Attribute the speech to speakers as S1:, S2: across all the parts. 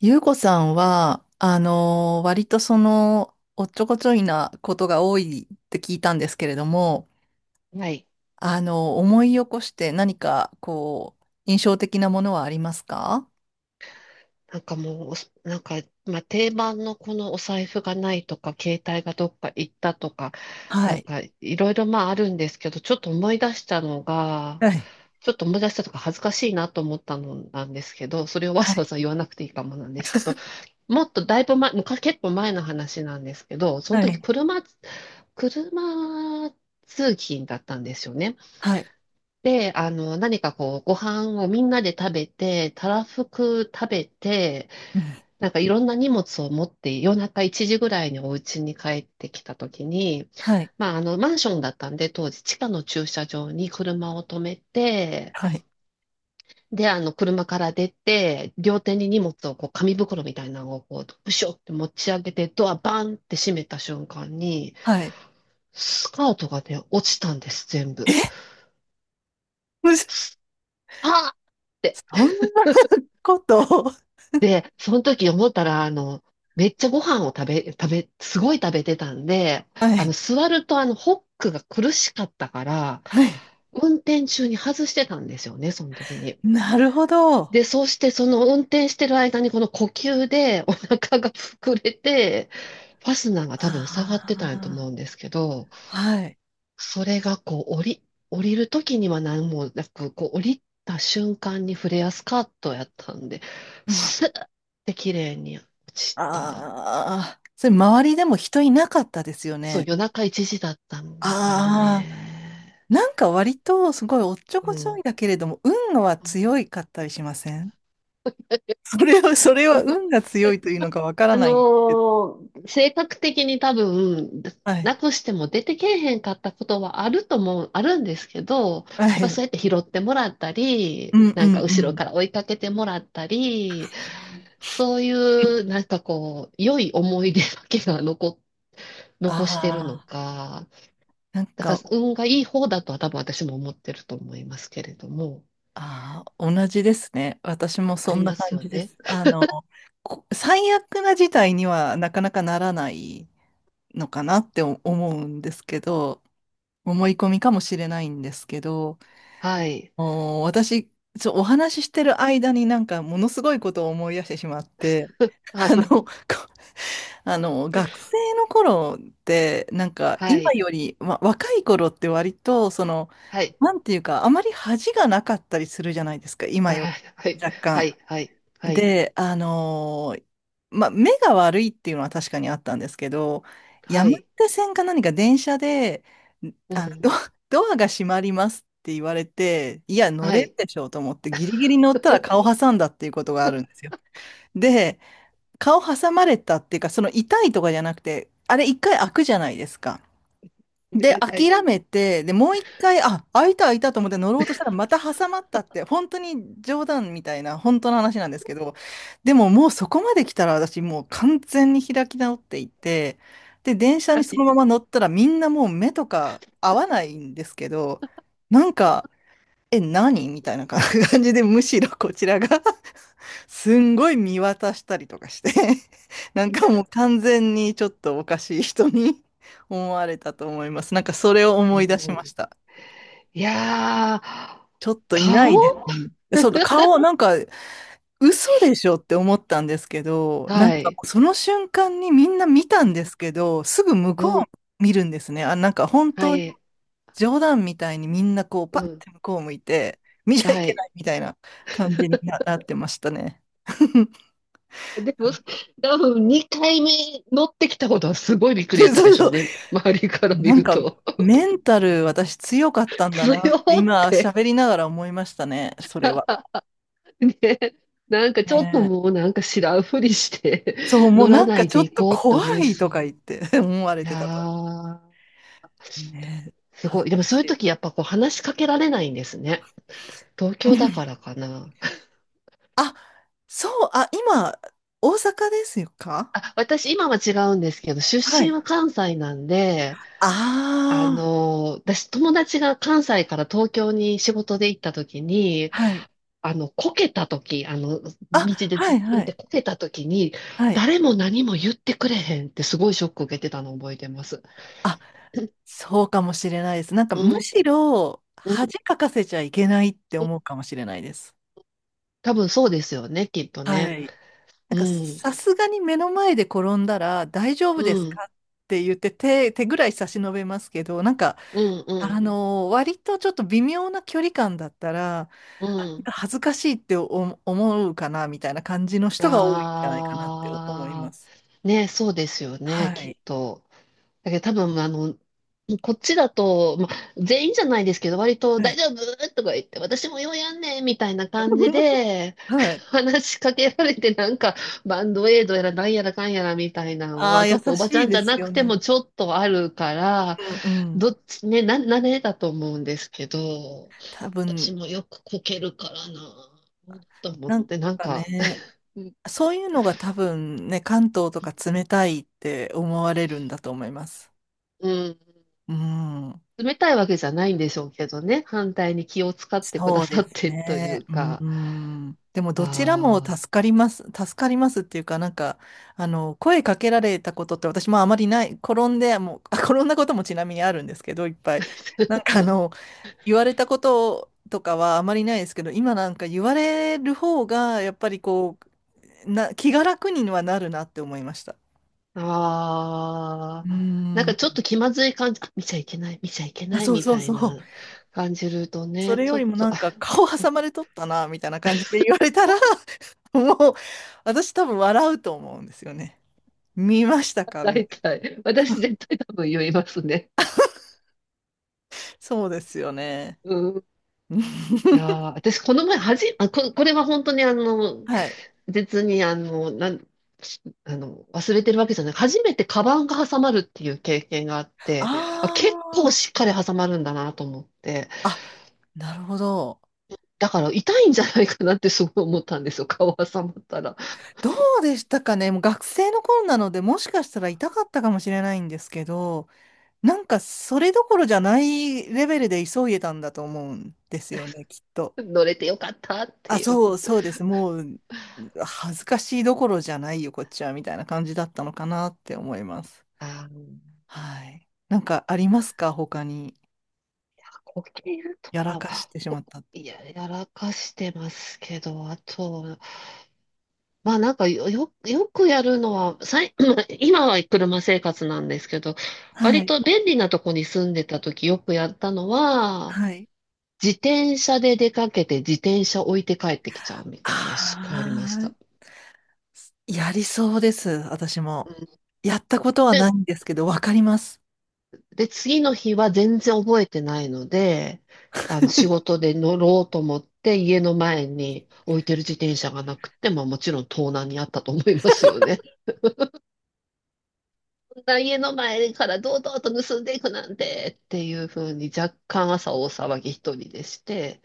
S1: ゆうこさんは、割とおっちょこちょいなことが多いって聞いたんですけれども、
S2: はい。
S1: あの思い起こして何か印象的なものはありますか？
S2: なんかもうおす、なんか、まあ、定番のこのお財布がないとか、携帯がどっか行ったとか、
S1: は
S2: なん
S1: い。
S2: かいろいろまああるんですけど、ちょっと思い出したのが、
S1: はい。
S2: ちょっと思い出したとか恥ずかしいなと思ったのなんですけど、それをわ
S1: は
S2: ざわ
S1: い。
S2: ざ言わなくていいかもなんですけど、もっとだいぶ前、昔結構前の話なんですけど、その
S1: は
S2: 時
S1: い。
S2: 車通勤だったんですよね。
S1: はい。
S2: で、あの、何かこう、ご飯をみんなで食べて、たらふく食べて、
S1: うん。
S2: なんかいろんな荷物を持って夜中1時ぐらいにお家に帰ってきた時に、
S1: はい。
S2: まああのマンションだったんで当時地下の駐車場に車を止めて、
S1: はい。
S2: であの車から出て両手に荷物をこう紙袋みたいなのをこうブショって持ち上げてドアバンって閉めた瞬間に
S1: はい。
S2: スカートがね落ちたんです全部。
S1: え、むず
S2: あーって
S1: そんなこと。
S2: で、その時思ったら、あの、めっちゃご飯を食べ、食べ、すごい食べてたんで、
S1: は
S2: あの、
S1: い。
S2: 座るとあの、ホックが苦しかったから、
S1: はい。
S2: 運転中に外してたんですよね、その時に。
S1: なるほど。あ
S2: で、そうしてその運転してる間にこの呼吸でお腹が膨れて、ファスナーが多分下がってたんやと思う
S1: あ
S2: んですけど、
S1: はい。
S2: それがこう降りる時には何もなく、こう降りた瞬間にフレアスカートやったんで、
S1: う
S2: スー
S1: ん
S2: って綺麗に落ちた。
S1: ああ、それ周りでも人いなかったですよ
S2: そう、
S1: ね。
S2: 夜中1時だったんだから
S1: ああ、
S2: ね。
S1: なんか割とすごいおっちょこ
S2: う
S1: ちょ
S2: ん。
S1: いだけれども、運は強いかったりしません？ それは、それは運が強いというのかわから
S2: あ
S1: ない。
S2: の性格的に多分、
S1: はい。
S2: なくしても出てけえへんかったことはあると思う、あるんですけど、
S1: は
S2: やっぱそ
S1: い。
S2: うやって拾ってもらった
S1: う
S2: り、
S1: んう
S2: なん
S1: ん
S2: か
S1: う
S2: 後ろ
S1: ん。
S2: から追いかけてもらったり、そういう、なんかこう、良い思い出だけが
S1: あ
S2: 残してるの
S1: あ、
S2: か、
S1: なん
S2: だから
S1: か、
S2: 運がいい方だとは多分私も思ってると思いますけれども、
S1: ああ、同じですね。私も
S2: あ
S1: そ
S2: り
S1: んな
S2: ます
S1: 感
S2: よ
S1: じで
S2: ね。
S1: す。あの、こ最悪な事態にはなかなかならないのかなって思うんですけど、思い込みかもしれないんですけど、
S2: はい。
S1: お私、お話ししてる間になんかものすごいことを思い出してしまって、
S2: は
S1: あの、
S2: い。
S1: こあの、学生の頃って、なんか
S2: は
S1: 今
S2: い。
S1: より、ま、若い頃って割と、その、
S2: はい。
S1: なんていうか、あまり恥がなかったりするじゃないですか、今よ
S2: は
S1: り。
S2: い。はい。
S1: 若
S2: は
S1: 干。
S2: い。はい。はい。
S1: で、まあ、目が悪いっていうのは確かにあったんですけど、
S2: は
S1: 山
S2: い。
S1: 手線か何か電車で、
S2: う
S1: あの、
S2: ん。
S1: ド、ドアが閉まりますって言われて、いや、乗
S2: は
S1: れる
S2: い。
S1: でしょうと思って、ギリギリ乗ったら顔挟んだっていうことがあるんですよ。で、顔挟まれたっていうか、その痛いとかじゃなくて、あれ一回開くじゃないですか。で、
S2: ではい。
S1: 諦めて、で、もう一回、あ、開いた開いたと思って乗ろうとしたらまた挟まったって、本当に冗談みたいな、本当の話なんですけど、でももうそこまで来たら私もう完全に開き直っていて、で、電車
S2: は
S1: にその
S2: い。
S1: まま乗ったらみんなもう目とか合わないんですけど、なんか、え、何みたいな感じで、むしろこちらがすんごい見渡したりとかして なん
S2: い
S1: か
S2: や
S1: もう
S2: ー、
S1: 完全にちょっとおかしい人に 思われたと思います。なんかそれを
S2: す
S1: 思い出し
S2: ご
S1: まし
S2: い。
S1: た。
S2: いやー、
S1: ちょっといないで
S2: 顔
S1: すよね。そう、顔、なんか嘘でしょって思ったんですけど、なん
S2: は
S1: か
S2: い。
S1: その瞬間にみんな見たんですけど、すぐ向
S2: う
S1: こ
S2: ん。
S1: う見るんですね。あ、なんか本
S2: は
S1: 当に
S2: い。
S1: 冗談みたいにみんなこう
S2: う
S1: パッ
S2: ん。
S1: て向こう向いて、見ちゃい
S2: は
S1: け
S2: い。
S1: ないみたいな感じになってましたね。
S2: でも、多分2回目乗ってきたことはすごいびっくり
S1: そ
S2: やっ
S1: う
S2: たでしょ
S1: そ
S2: う
S1: う
S2: ね。周りから見
S1: なん
S2: る
S1: か、
S2: と。
S1: メンタル私強かったんだ
S2: 強
S1: なって
S2: っ
S1: 今
S2: て。
S1: 喋りながら思いましたね、それは。
S2: ね。なんか
S1: ね
S2: ちょっとも
S1: え
S2: うなんか知らんふりして
S1: そう、もう
S2: 乗ら
S1: なん
S2: な
S1: か
S2: い
S1: ちょ
S2: で
S1: っ
S2: 行
S1: と
S2: こうって
S1: 怖
S2: 思い
S1: い
S2: そ
S1: と
S2: う。
S1: か言っ
S2: い
S1: て 思われて
S2: や
S1: たと。
S2: ー、
S1: ねえ
S2: す
S1: 恥
S2: ご
S1: ず
S2: い。でも
S1: か
S2: そうい
S1: し
S2: う
S1: い。
S2: 時やっぱこう話しかけられないんですね。東
S1: う
S2: 京だか
S1: ん
S2: らかな。
S1: あ、そう、あ、今、大阪ですよか？
S2: あ、私今は違うんですけど、出
S1: は
S2: 身
S1: い。
S2: は関西なんで、あ
S1: ああ、
S2: の、私友達が関西から東京に仕事で行った時に、
S1: はい。
S2: あの、こけた時、あの、道
S1: あ、
S2: で
S1: は
S2: ずっ
S1: い、
S2: と
S1: は
S2: って
S1: い、
S2: こけたときに、
S1: はい。
S2: 誰も何も言ってくれへんってすごいショック受けてたのを覚えてます。
S1: あ、そうかもしれないです。なんかむ
S2: うん、
S1: しろ
S2: うん、
S1: 恥かかせちゃいけないって
S2: うん
S1: 思うかもしれないです。
S2: 多分そうですよね、きっと
S1: は
S2: ね。
S1: い。な
S2: う
S1: んか
S2: ん、
S1: さすがに目の前で転んだら大丈夫
S2: う
S1: です
S2: ん、
S1: かって言って手、手ぐらい差し伸べますけど、なんか、
S2: うん、うん、
S1: 割とちょっと微妙な距離感だったら、な
S2: う
S1: ん
S2: ん。
S1: か恥ずかしいって思うかなみたいな感じの人が多いんじゃないかなって思いま
S2: あ
S1: す。
S2: ー、ね、そうですよね、
S1: は
S2: きっ
S1: い。
S2: と。だけど多分、あの、こっちだと、まあ、全員じゃないですけど、割と
S1: は
S2: 大
S1: い。
S2: 丈夫とか言って、私もようやんねんみたいな感じ で、
S1: はい。
S2: 話しかけられて、なんか、バンドエイドやらなんやらかんやらみたいな の
S1: ああ、
S2: は、ちょ
S1: 優
S2: っとおばち
S1: し
S2: ゃ
S1: い
S2: んじ
S1: で
S2: ゃ
S1: す
S2: なく
S1: よ
S2: て
S1: ね。
S2: もちょっとあるから、
S1: うんうん。
S2: どっちね、慣れだと思うんですけど、
S1: 多分、
S2: 私もよくこけるからな、と思っ
S1: なん
S2: て、なん
S1: か
S2: か、
S1: ね、そういうのが多分ね、関東とか冷たいって思われるんだと思います。
S2: うん
S1: うん。
S2: 冷たいわけじゃないんでしょうけどね、反対に気を使ってくだ
S1: そうで
S2: さっ
S1: す
S2: てとい
S1: ね。
S2: う
S1: う
S2: か、
S1: ん。でも、どちらも
S2: あ
S1: 助かります。助かりますっていうか、なんか、あの、声かけられたことって私もあまりない。転んで、もう、あ転んだこともちなみにあるんですけど、いっぱい。なんか、あの、言われたこととかはあまりないですけど、今なんか言われる方が、やっぱり気が楽にはなるなって思いました。
S2: あ、
S1: う
S2: ああ、なんか
S1: ん。
S2: ちょっと気まずい感じ、あ、見ちゃいけない、見ちゃいけ
S1: あ、
S2: ない
S1: そう
S2: み
S1: そう
S2: たい
S1: そう。
S2: な感じると
S1: そ
S2: ね、
S1: れ
S2: ち
S1: よ
S2: ょ
S1: り
S2: っ
S1: も
S2: と、
S1: なんか顔挟まれとったな、みたいな感じで言われたら、もう私多分笑うと思うんですよね。見ました
S2: あ
S1: かみ
S2: 大
S1: たい
S2: 体、私絶対多分言いますね。
S1: な。そうですよね。
S2: うん。いやー、私この前はじ、あ、こ、これは本当にあの、
S1: はい。
S2: 別に、あの、あの、忘れてるわけじゃない。初めてカバンが挟まるっていう経験があって、
S1: あ
S2: あ、結構しっかり挟まるんだなと思って、
S1: あ、あ、なるほど。
S2: だから痛いんじゃないかなってすごい思ったんですよ。顔挟まったら。
S1: どうでしたかね。もう学生の頃なので、もしかしたら痛かったかもしれないんですけど、なんかそれどころじゃないレベルで急いでたんだと思うんですよね、きっと。
S2: 乗れてよかったっ
S1: あ、
S2: てい
S1: そう、
S2: う。
S1: そうです。もう、恥ずかしいどころじゃないよ、こっちは、みたいな感じだったのかなって思います。
S2: あの、
S1: はい。なんかありますか他に？
S2: 呼吸と
S1: やらかし
S2: か、
S1: てしまった。
S2: いや、やらかしてますけど、あと、まあなんかよくやるのは、今は車生活なんですけど、
S1: は
S2: 割
S1: い。
S2: と便利なとこに住んでた時よくやったのは、
S1: はい。
S2: 自転車で出かけて自転車置いて帰ってきちゃうみたいな、すごいありまし
S1: あ
S2: た。
S1: あ、やりそうです、私
S2: う
S1: も。
S2: ん
S1: やったことはない
S2: で、
S1: んですけど、わかります。
S2: で、次の日は全然覚えてないので、あの、仕事で乗ろうと思って家の前に置いてる自転車がなくて、まあもちろん盗難にあったと思いますよね。家の前から堂々と盗んでいくなんてっていう風に若干朝大騒ぎ一人でして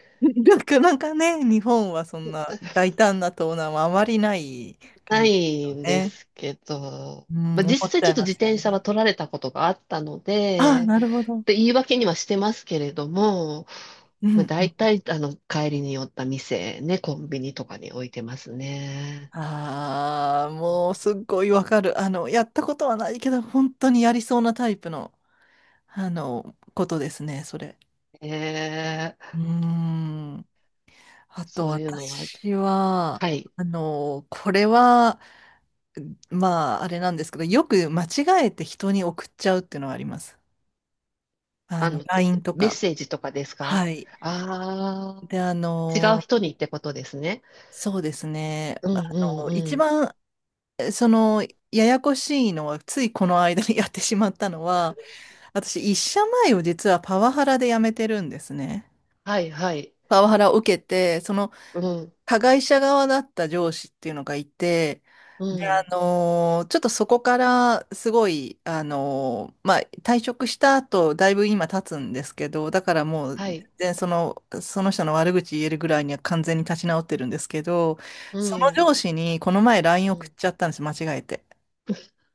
S1: なかなかね、日本はそんな大胆な盗難はあまりない感
S2: な
S1: じですよ
S2: いんで
S1: ね。
S2: すけど、
S1: うん、
S2: まあ、
S1: 思
S2: 実
S1: っ
S2: 際
S1: ちゃ
S2: ちょっ
S1: い
S2: と
S1: ま
S2: 自
S1: すよ
S2: 転車は
S1: ね。
S2: 取られたことがあったの
S1: ああ、
S2: で、
S1: なるほど。
S2: で言い訳にはしてますけれども、
S1: うん
S2: まあ、
S1: う
S2: 大
S1: ん。
S2: 体あの帰りに寄った店ね、コンビニとかに置いてますね。
S1: ああ、もうすっごいわかる。あの、やったことはないけど、本当にやりそうなタイプの、あの、ことですね、それ。
S2: え
S1: うー
S2: ー、
S1: ん。あと、
S2: そういうのは、
S1: 私は、
S2: はい。
S1: あの、これは、まあ、あれなんですけど、よく間違えて人に送っちゃうっていうのはあります。あ
S2: あ
S1: の、
S2: の、
S1: LINE と
S2: メッ
S1: か。
S2: セージとかですか
S1: はい。
S2: ああ
S1: で、あ
S2: ー。違う
S1: の、
S2: 人にってことですね。
S1: そうですね。
S2: う
S1: あ
S2: んうん
S1: の、一
S2: うん。
S1: 番、その、ややこしいのは、ついこの間にやってしまったのは、私、一社前を実はパワハラで辞めてるんですね。
S2: はいはい。
S1: パワハラを受けて、その
S2: うん
S1: 加害者側だった上司っていうのがいて、
S2: う
S1: で、
S2: ん
S1: ちょっとそこからすごい、まあ、退職した後、だいぶ今経つんですけど、だからもう、
S2: は
S1: 全
S2: い。
S1: 然その、その人の悪口言えるぐらいには完全に立ち直ってるんですけど、
S2: う
S1: その
S2: ん
S1: 上司にこの前 LINE
S2: う
S1: 送っ
S2: ん
S1: ちゃったんです、間違えて。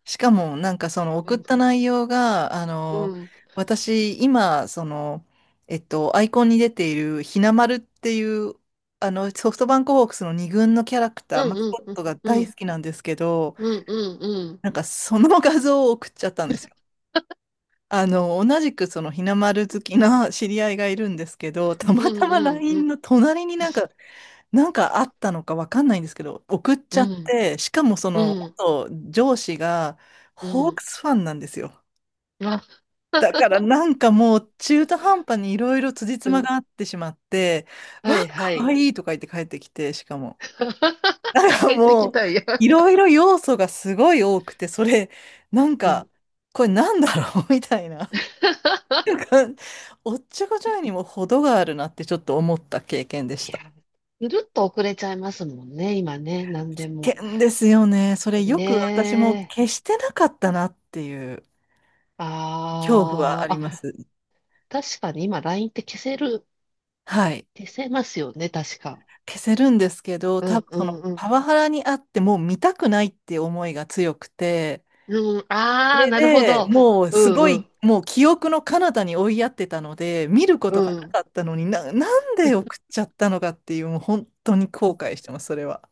S1: しかも、なんかその
S2: う
S1: 送っ
S2: ん
S1: た内容が、あ
S2: う
S1: の、
S2: ん
S1: 私、今、その、えっと、アイコンに出ているひなまるっていう、あの、ソフトバンクホークスの二軍のキャラクター、
S2: うん
S1: マス
S2: うん
S1: コッ
S2: うん
S1: トが
S2: う
S1: 大
S2: ん
S1: 好きなんですけど、
S2: うん
S1: なんかその 画像を送っちゃったんですよ。あの、同じくそのひなまる好きな知り合いがいるんですけど、た
S2: う
S1: また
S2: んう
S1: ま
S2: んう
S1: LINE
S2: ん
S1: の隣になんか、なんかあったのかわかんないんですけど、送っち
S2: う
S1: ゃっ
S2: ん
S1: て、しかもそ
S2: う
S1: の、
S2: んう
S1: 元上司がホー
S2: ん
S1: クスファンなんですよ。
S2: あ
S1: だからなんかもう中途半端にいろいろ辻
S2: う
S1: 褄
S2: ん
S1: が合ってしまって、わ
S2: は
S1: あ、
S2: いは
S1: かわ
S2: い。
S1: いいとか言って帰ってきて、しかも。だか
S2: 帰
S1: ら
S2: ってき
S1: もう、
S2: たいや。
S1: いろいろ要素がすごい多くて、それ、なん
S2: うん。
S1: か、これなんだろう みたいな。おっちょこちょいにも程があるなってちょっと思った経験でし
S2: い
S1: た。
S2: や、ぐるっと遅れちゃいますもんね、今ね、何で
S1: 危
S2: も。
S1: 険ですよね。それよ
S2: ね
S1: く私も
S2: え。
S1: 消してなかったなっていう恐怖はあ
S2: あー
S1: り
S2: あ、
S1: ます。
S2: 確かに今 LINE って消せる
S1: はい。
S2: 消せますよね、確か。
S1: 消せるんですけど、
S2: う
S1: 多
S2: ん
S1: 分
S2: う
S1: その
S2: んう
S1: パ
S2: ん。
S1: ワハラにあってもう見たくないって思いが強くて、
S2: うん、
S1: そ
S2: ああ、
S1: れ
S2: なるほ
S1: で
S2: ど。
S1: もう
S2: う
S1: す
S2: ん
S1: ご
S2: うん
S1: い、もう記憶の彼方に追いやってたので、見るこ
S2: う
S1: とが
S2: ん。
S1: なかったのにな、なんで送っちゃったのかっていう、もう本当に後悔してます、それは。